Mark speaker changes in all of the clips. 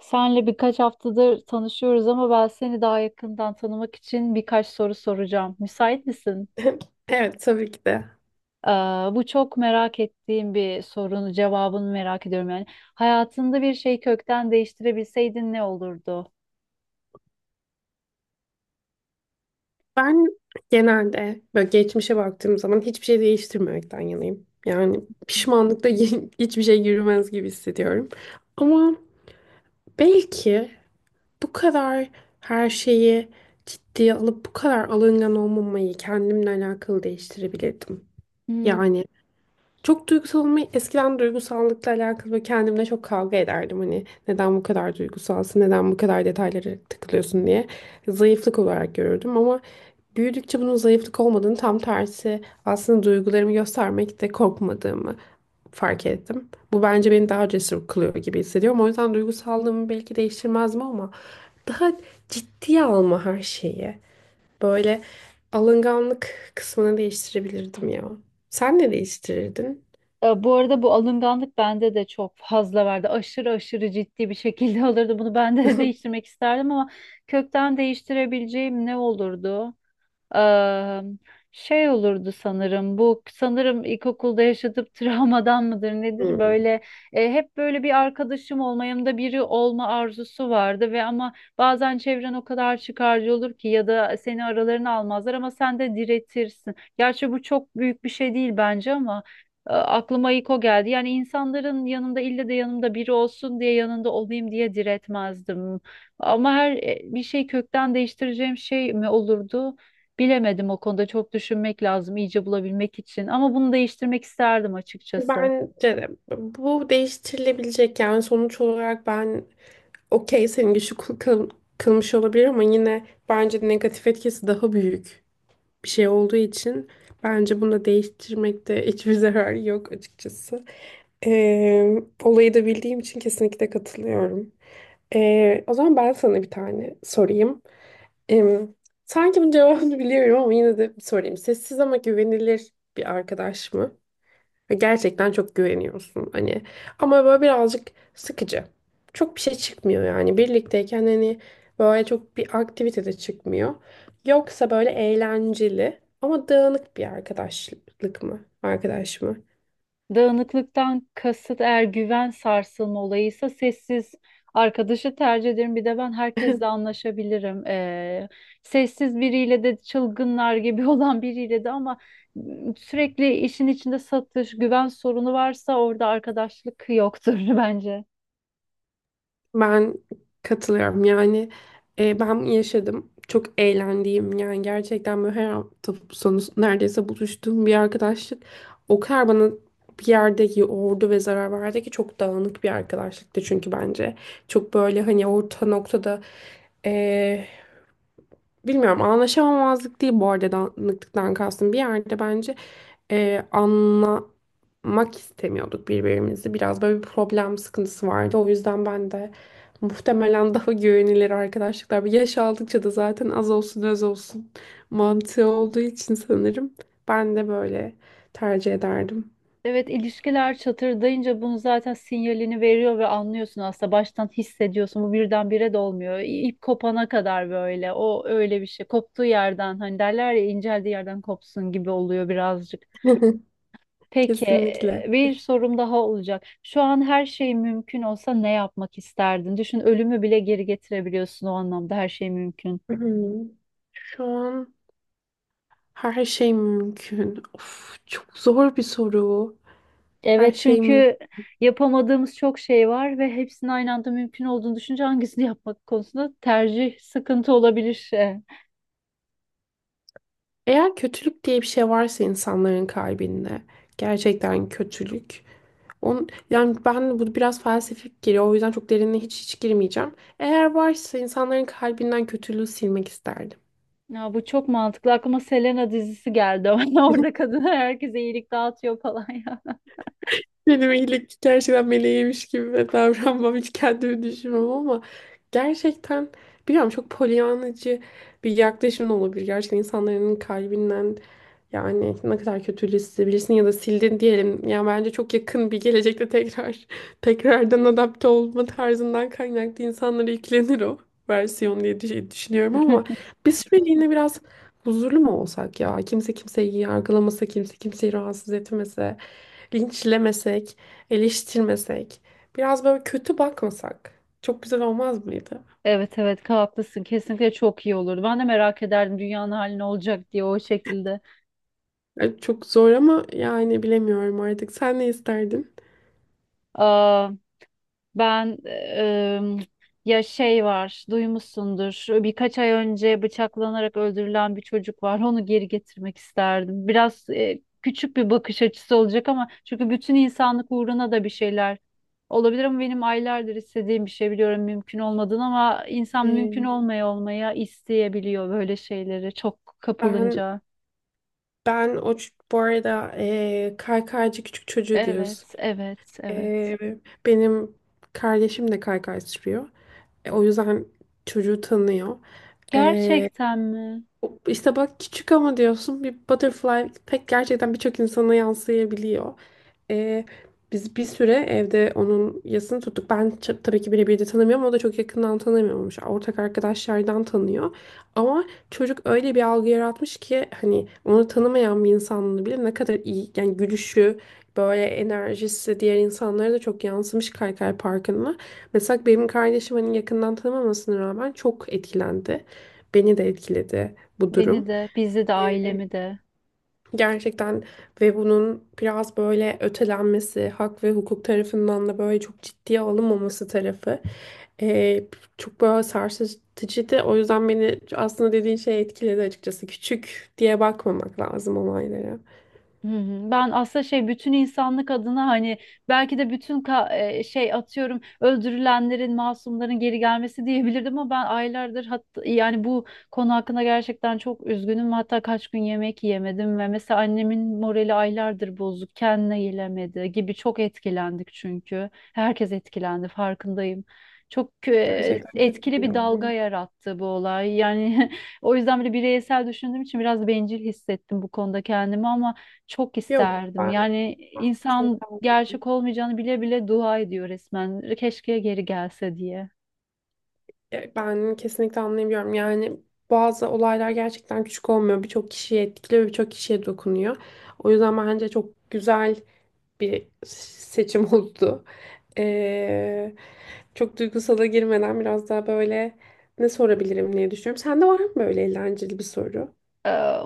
Speaker 1: Senle birkaç haftadır tanışıyoruz ama ben seni daha yakından tanımak için birkaç soru soracağım. Müsait misin?
Speaker 2: Evet, tabii ki de.
Speaker 1: Ee, Bu çok merak ettiğim bir sorunun cevabını merak ediyorum yani. Hayatında bir şey kökten değiştirebilseydin ne olurdu?
Speaker 2: Ben genelde böyle geçmişe baktığım zaman hiçbir şey değiştirmemekten yanayım. Yani pişmanlıkla hiçbir şey yürümez gibi hissediyorum. Ama belki bu kadar her şeyi ciddiye alıp bu kadar alıngan olmamayı kendimle alakalı değiştirebilirdim.
Speaker 1: Hmm.
Speaker 2: Yani çok duygusal olmayı eskiden duygusallıkla alakalı böyle kendimle çok kavga ederdim. Hani neden bu kadar duygusalsın, neden bu kadar detaylara takılıyorsun diye zayıflık olarak görürdüm ama büyüdükçe bunun zayıflık olmadığını, tam tersi aslında duygularımı göstermekte korkmadığımı fark ettim. Bu bence beni daha cesur kılıyor gibi hissediyorum. O yüzden duygusallığımı belki değiştirmezdim ama daha ciddiye alma her şeyi. Böyle alınganlık kısmını değiştirebilirdim ya. Sen ne değiştirirdin?
Speaker 1: Bu arada bu alınganlık bende de çok fazla vardı. Aşırı aşırı ciddi bir şekilde olurdu. Bunu ben de değiştirmek isterdim ama kökten değiştirebileceğim ne olurdu? Eee, Şey olurdu sanırım, bu sanırım ilkokulda yaşadığım travmadan mıdır nedir,
Speaker 2: Hmm.
Speaker 1: böyle hep böyle bir arkadaşım olma, yanımda biri olma arzusu vardı ve ama bazen çevren o kadar çıkarcı olur ki ya da seni aralarına almazlar ama sen de diretirsin. Gerçi bu çok büyük bir şey değil bence ama aklıma ilk o geldi. Yani insanların yanında ille de yanımda biri olsun diye, yanında olayım diye diretmezdim. Ama her bir şey kökten değiştireceğim şey mi olurdu? Bilemedim, o konuda çok düşünmek lazım iyice bulabilmek için ama bunu değiştirmek isterdim açıkçası.
Speaker 2: Bence de bu değiştirilebilecek, yani sonuç olarak ben okey, senin güçlü kılmış olabilir ama yine bence negatif etkisi daha büyük bir şey olduğu için bence bunu da değiştirmekte hiçbir zarar yok açıkçası. Ee, Olayı da bildiğim için kesinlikle katılıyorum. O zaman ben sana bir tane sorayım. Ee, Sanki bunun cevabını biliyorum ama yine de sorayım. Sessiz ama güvenilir bir arkadaş mı? Ve gerçekten çok güveniyorsun hani. Ama böyle birazcık sıkıcı. Çok bir şey çıkmıyor yani. Birlikteyken hani böyle çok bir aktivite de çıkmıyor. Yoksa böyle eğlenceli ama dağınık bir arkadaşlık mı? Arkadaş mı?
Speaker 1: Dağınıklıktan kasıt eğer güven sarsılma olayıysa sessiz arkadaşı tercih ederim. Bir de ben herkesle anlaşabilirim. Sessiz biriyle de çılgınlar gibi olan biriyle de ama sürekli işin içinde satış, güven sorunu varsa orada arkadaşlık yoktur bence.
Speaker 2: Ben katılıyorum yani. Ben yaşadım, çok eğlendiğim, yani gerçekten böyle her hafta sonu neredeyse buluştuğum bir arkadaşlık o kadar bana bir yerde yordu ve zarar verdi ki. Çok dağınık bir arkadaşlıktı çünkü bence çok böyle hani orta noktada, e, bilmiyorum, anlaşamamazlık değil bu arada danışıklıktan kastım. Bir yerde bence anlamak istemiyorduk birbirimizi. Biraz böyle bir problem sıkıntısı vardı. O yüzden ben de muhtemelen daha güvenilir arkadaşlıklar. Yaş aldıkça da zaten az olsun öz olsun mantığı olduğu için sanırım. Ben de böyle tercih ederdim.
Speaker 1: Evet, ilişkiler çatırdayınca bunu zaten sinyalini veriyor ve anlıyorsun, aslında baştan hissediyorsun, bu birdenbire de olmuyor. İp kopana kadar böyle, o öyle bir şey koptuğu yerden, hani derler ya inceldiği yerden kopsun gibi oluyor birazcık. Peki
Speaker 2: Kesinlikle.
Speaker 1: bir sorum daha olacak. Şu an her şey mümkün olsa ne yapmak isterdin? Düşün, ölümü bile geri getirebiliyorsun, o anlamda her şey mümkün.
Speaker 2: Hmm, Şu an her şey mümkün. Of, çok zor bir soru. Her
Speaker 1: Evet,
Speaker 2: şey mümkün.
Speaker 1: çünkü yapamadığımız çok şey var ve hepsinin aynı anda mümkün olduğunu düşünce hangisini yapmak konusunda tercih sıkıntı olabilir.
Speaker 2: Eğer kötülük diye bir şey varsa insanların kalbinde, gerçekten kötülük. On, yani ben bu biraz felsefik geliyor, o yüzden çok derinine hiç hiç girmeyeceğim. Eğer varsa insanların kalbinden kötülüğü silmek isterdim.
Speaker 1: Ya, bu çok mantıklı. Aklıma Selena dizisi geldi ama orada kadına, herkese iyilik dağıtıyor falan ya.
Speaker 2: Benim iyilik gerçekten meleğiymiş gibi davranmam, hiç kendimi düşünmem ama gerçekten bilmiyorum, çok polyanacı bir yaklaşım da olabilir. Gerçekten insanların kalbinden, yani ne kadar kötülüğü silebilirsin ya da sildin diyelim. Yani bence çok yakın bir gelecekte tekrar tekrardan adapte olma tarzından kaynaklı insanlara yüklenir o versiyon diye düşünüyorum ama bir süreliğine biraz huzurlu mu olsak ya? Kimse kimseyi yargılamasa, kimse kimseyi rahatsız etmese. Linçlemesek, eleştirmesek, biraz böyle kötü bakmasak çok güzel olmaz mıydı?
Speaker 1: Evet, evet, haklısın. Kesinlikle çok iyi olurdu. Ben de merak ederdim dünyanın hali ne olacak diye, o şekilde.
Speaker 2: Çok zor ama yani bilemiyorum artık. Sen ne isterdin?
Speaker 1: Ben ya şey var, duymuşsundur. Birkaç ay önce bıçaklanarak öldürülen bir çocuk var. Onu geri getirmek isterdim. Biraz küçük bir bakış açısı olacak ama, çünkü bütün insanlık uğruna da bir şeyler olabilir ama benim aylardır istediğim bir şey, biliyorum mümkün olmadığını ama insan mümkün
Speaker 2: E,
Speaker 1: olmaya olmaya isteyebiliyor böyle şeyleri çok
Speaker 2: ben
Speaker 1: kapılınca.
Speaker 2: ben bu arada, kaykaycı küçük çocuğu diyoruz.
Speaker 1: Evet, evet, evet.
Speaker 2: E, Benim kardeşim de kaykay sürüyor. O yüzden çocuğu tanıyor. E,
Speaker 1: Gerçekten mi?
Speaker 2: işte bak, küçük ama diyorsun, bir butterfly pek gerçekten birçok insana yansıyabiliyor. Ee, Biz bir süre evde onun yasını tuttuk. Tabii ki birebir de tanımıyorum. O da çok yakından tanımıyormuş. Ortak arkadaşlardan tanıyor. Ama çocuk öyle bir algı yaratmış ki hani onu tanımayan bir insanla bile, ne kadar iyi yani, gülüşü, böyle enerjisi diğer insanlara da çok yansımış Kaykay Parkı'na. Mesela benim kardeşim hani yakından tanımamasına rağmen çok etkilendi. Beni de etkiledi bu
Speaker 1: Beni
Speaker 2: durum.
Speaker 1: de, bizi de, ailemi de.
Speaker 2: Gerçekten ve bunun biraz böyle ötelenmesi, hak ve hukuk tarafından da böyle çok ciddiye alınmaması tarafı eee, çok böyle sarsıcıydı. O yüzden beni aslında dediğin şey etkiledi açıkçası. Küçük diye bakmamak lazım olaylara.
Speaker 1: Hı hı. Ben aslında şey, bütün insanlık adına hani belki de şey, atıyorum öldürülenlerin, masumların geri gelmesi diyebilirdim ama ben aylardır, hatta yani bu konu hakkında gerçekten çok üzgünüm, hatta kaç gün yemek yemedim ve mesela annemin morali aylardır bozuk, kendine gelemedi gibi. Çok etkilendik çünkü herkes etkilendi, farkındayım. Çok
Speaker 2: Gerçekten kötü
Speaker 1: etkili
Speaker 2: bir
Speaker 1: bir dalga
Speaker 2: olay.
Speaker 1: yarattı bu olay yani o yüzden bile bireysel düşündüğüm için biraz bencil hissettim bu konuda kendimi ama çok
Speaker 2: Yok,
Speaker 1: isterdim.
Speaker 2: ben
Speaker 1: Yani insan
Speaker 2: kesinlikle anlıyorum.
Speaker 1: gerçek olmayacağını bile bile dua ediyor resmen. Keşke geri gelse diye.
Speaker 2: Ben kesinlikle anlayabiliyorum. Yani bazı olaylar gerçekten küçük olmuyor. Birçok kişiyi etkiliyor, birçok kişiye dokunuyor. O yüzden bence çok güzel bir seçim oldu. Ee, Çok duygusala girmeden biraz daha böyle ne sorabilirim diye düşünüyorum. Sende var mı böyle eğlenceli bir soru?
Speaker 1: Ee,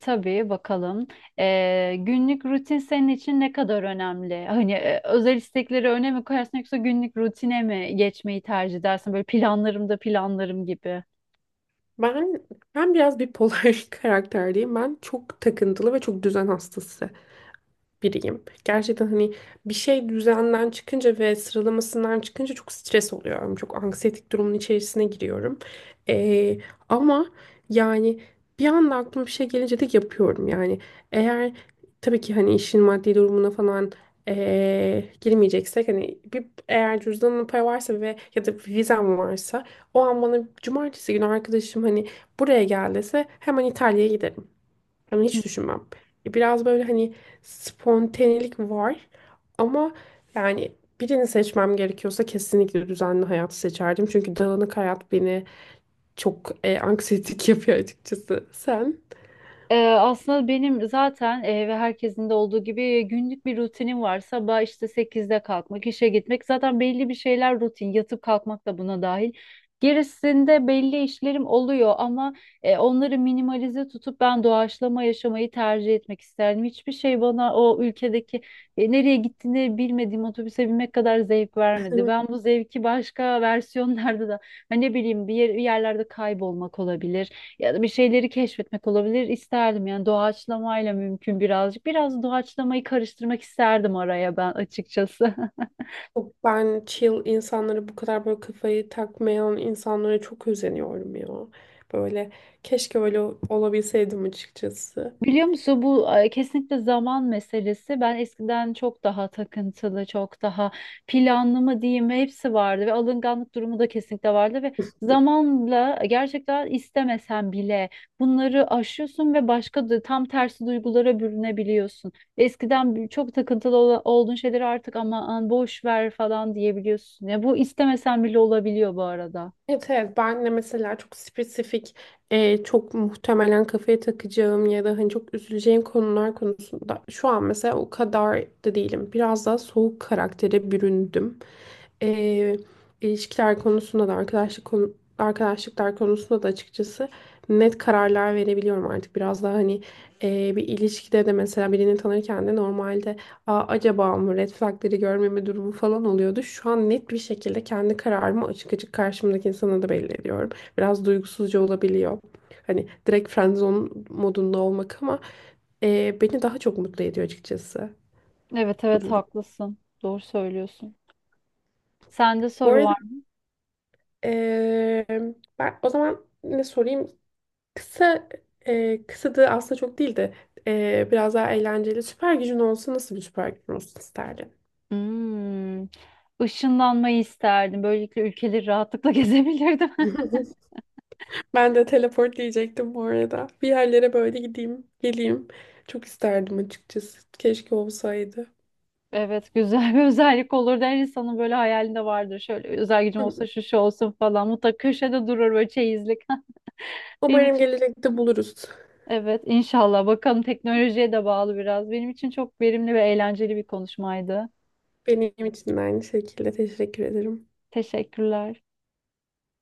Speaker 1: tabii, bakalım. Günlük rutin senin için ne kadar önemli? Hani özel istekleri öne mi koyarsın yoksa günlük rutine mi geçmeyi tercih edersin? Böyle planlarım da planlarım gibi.
Speaker 2: Ben ben biraz bipolar karakterdeyim. Ben çok takıntılı ve çok düzen hastası biriyim. Gerçekten hani bir şey düzenden çıkınca ve sıralamasından çıkınca çok stres oluyorum. Çok anksiyetik durumun içerisine giriyorum. Ee, Ama yani bir anda aklıma bir şey gelince de yapıyorum. Yani eğer, tabii ki hani işin maddi durumuna falan girmeyeceksek, hani bir eğer cüzdanımda para varsa ve ya da vizem varsa, o an bana cumartesi günü arkadaşım hani buraya gel dese hemen İtalya'ya giderim. Ama hiç düşünmem. Biraz böyle hani spontanelik var ama yani birini seçmem gerekiyorsa kesinlikle düzenli hayatı seçerdim. Çünkü dağınık hayat beni çok anksiyetik yapıyor açıkçası. Sen?
Speaker 1: Aslında benim zaten ve herkesin de olduğu gibi günlük bir rutinim var. Sabah işte sekizde kalkmak, işe gitmek. Zaten belli bir şeyler rutin. Yatıp kalkmak da buna dahil. Gerisinde belli işlerim oluyor ama onları minimalize tutup ben doğaçlama yaşamayı tercih etmek isterdim. Hiçbir şey bana o ülkedeki nereye gittiğini bilmediğim otobüse binmek kadar zevk vermedi. Ben bu zevki başka versiyonlarda da hani ne bileyim bir yerlerde kaybolmak olabilir ya da bir şeyleri keşfetmek olabilir, isterdim. Yani doğaçlamayla mümkün birazcık. Biraz doğaçlamayı karıştırmak isterdim araya ben açıkçası.
Speaker 2: Ben chill insanlara, bu kadar böyle kafayı takmayan insanlara çok özeniyorum ya. Böyle keşke öyle olabilseydim açıkçası.
Speaker 1: Biliyor musun, bu kesinlikle zaman meselesi. Ben eskiden çok daha takıntılı, çok daha planlı mı diyeyim, hepsi vardı ve alınganlık durumu da kesinlikle vardı ve zamanla gerçekten istemesen bile bunları aşıyorsun ve başka, da tam tersi duygulara bürünebiliyorsun. Eskiden çok takıntılı olduğun şeyleri artık aman boş ver falan diyebiliyorsun. Ya bu istemesen bile olabiliyor bu arada.
Speaker 2: Evet, evet, ben de mesela çok spesifik çok muhtemelen kafaya takacağım ya da hani çok üzüleceğim konular konusunda şu an mesela o kadar da değilim. Biraz daha soğuk karaktere büründüm. E, ilişkiler konusunda da, arkadaşlık arkadaşlıklar konusunda da açıkçası net kararlar verebiliyorum artık. Biraz daha hani bir ilişkide de mesela birini tanırken de normalde, acaba mı, red flagleri görmeme durumu falan oluyordu. Şu an net bir şekilde kendi kararımı açık açık karşımdaki insana da belli ediyorum. Biraz duygusuzca olabiliyor. Hani direkt friendzone modunda olmak ama beni daha çok mutlu ediyor açıkçası
Speaker 1: Evet,
Speaker 2: bu
Speaker 1: evet,
Speaker 2: durum.
Speaker 1: haklısın. Doğru söylüyorsun. Sende
Speaker 2: Bu
Speaker 1: soru
Speaker 2: arada,
Speaker 1: var.
Speaker 2: e, ben o zaman ne sorayım? Kısa kısadı aslında, çok değil de biraz daha eğlenceli. Süper gücün olsa nasıl bir süper gücün olsun isterdin?
Speaker 1: Hmm. Işınlanmayı isterdim. Böylelikle ülkeleri rahatlıkla gezebilirdim.
Speaker 2: Ben de teleport diyecektim bu arada. Bir yerlere böyle gideyim, geleyim. Çok isterdim açıkçası. Keşke olsaydı.
Speaker 1: Evet, güzel bir özellik olurdu. Her insanın böyle hayalinde vardır. Şöyle özel gücüm olsa şu şu olsun falan. Mutlaka köşede durur böyle, çeyizlik. Benim
Speaker 2: Umarım
Speaker 1: için
Speaker 2: gelecekte buluruz.
Speaker 1: evet, inşallah. Bakalım, teknolojiye de bağlı biraz. Benim için çok verimli ve eğlenceli bir konuşmaydı.
Speaker 2: Benim için de aynı şekilde, teşekkür ederim.
Speaker 1: Teşekkürler.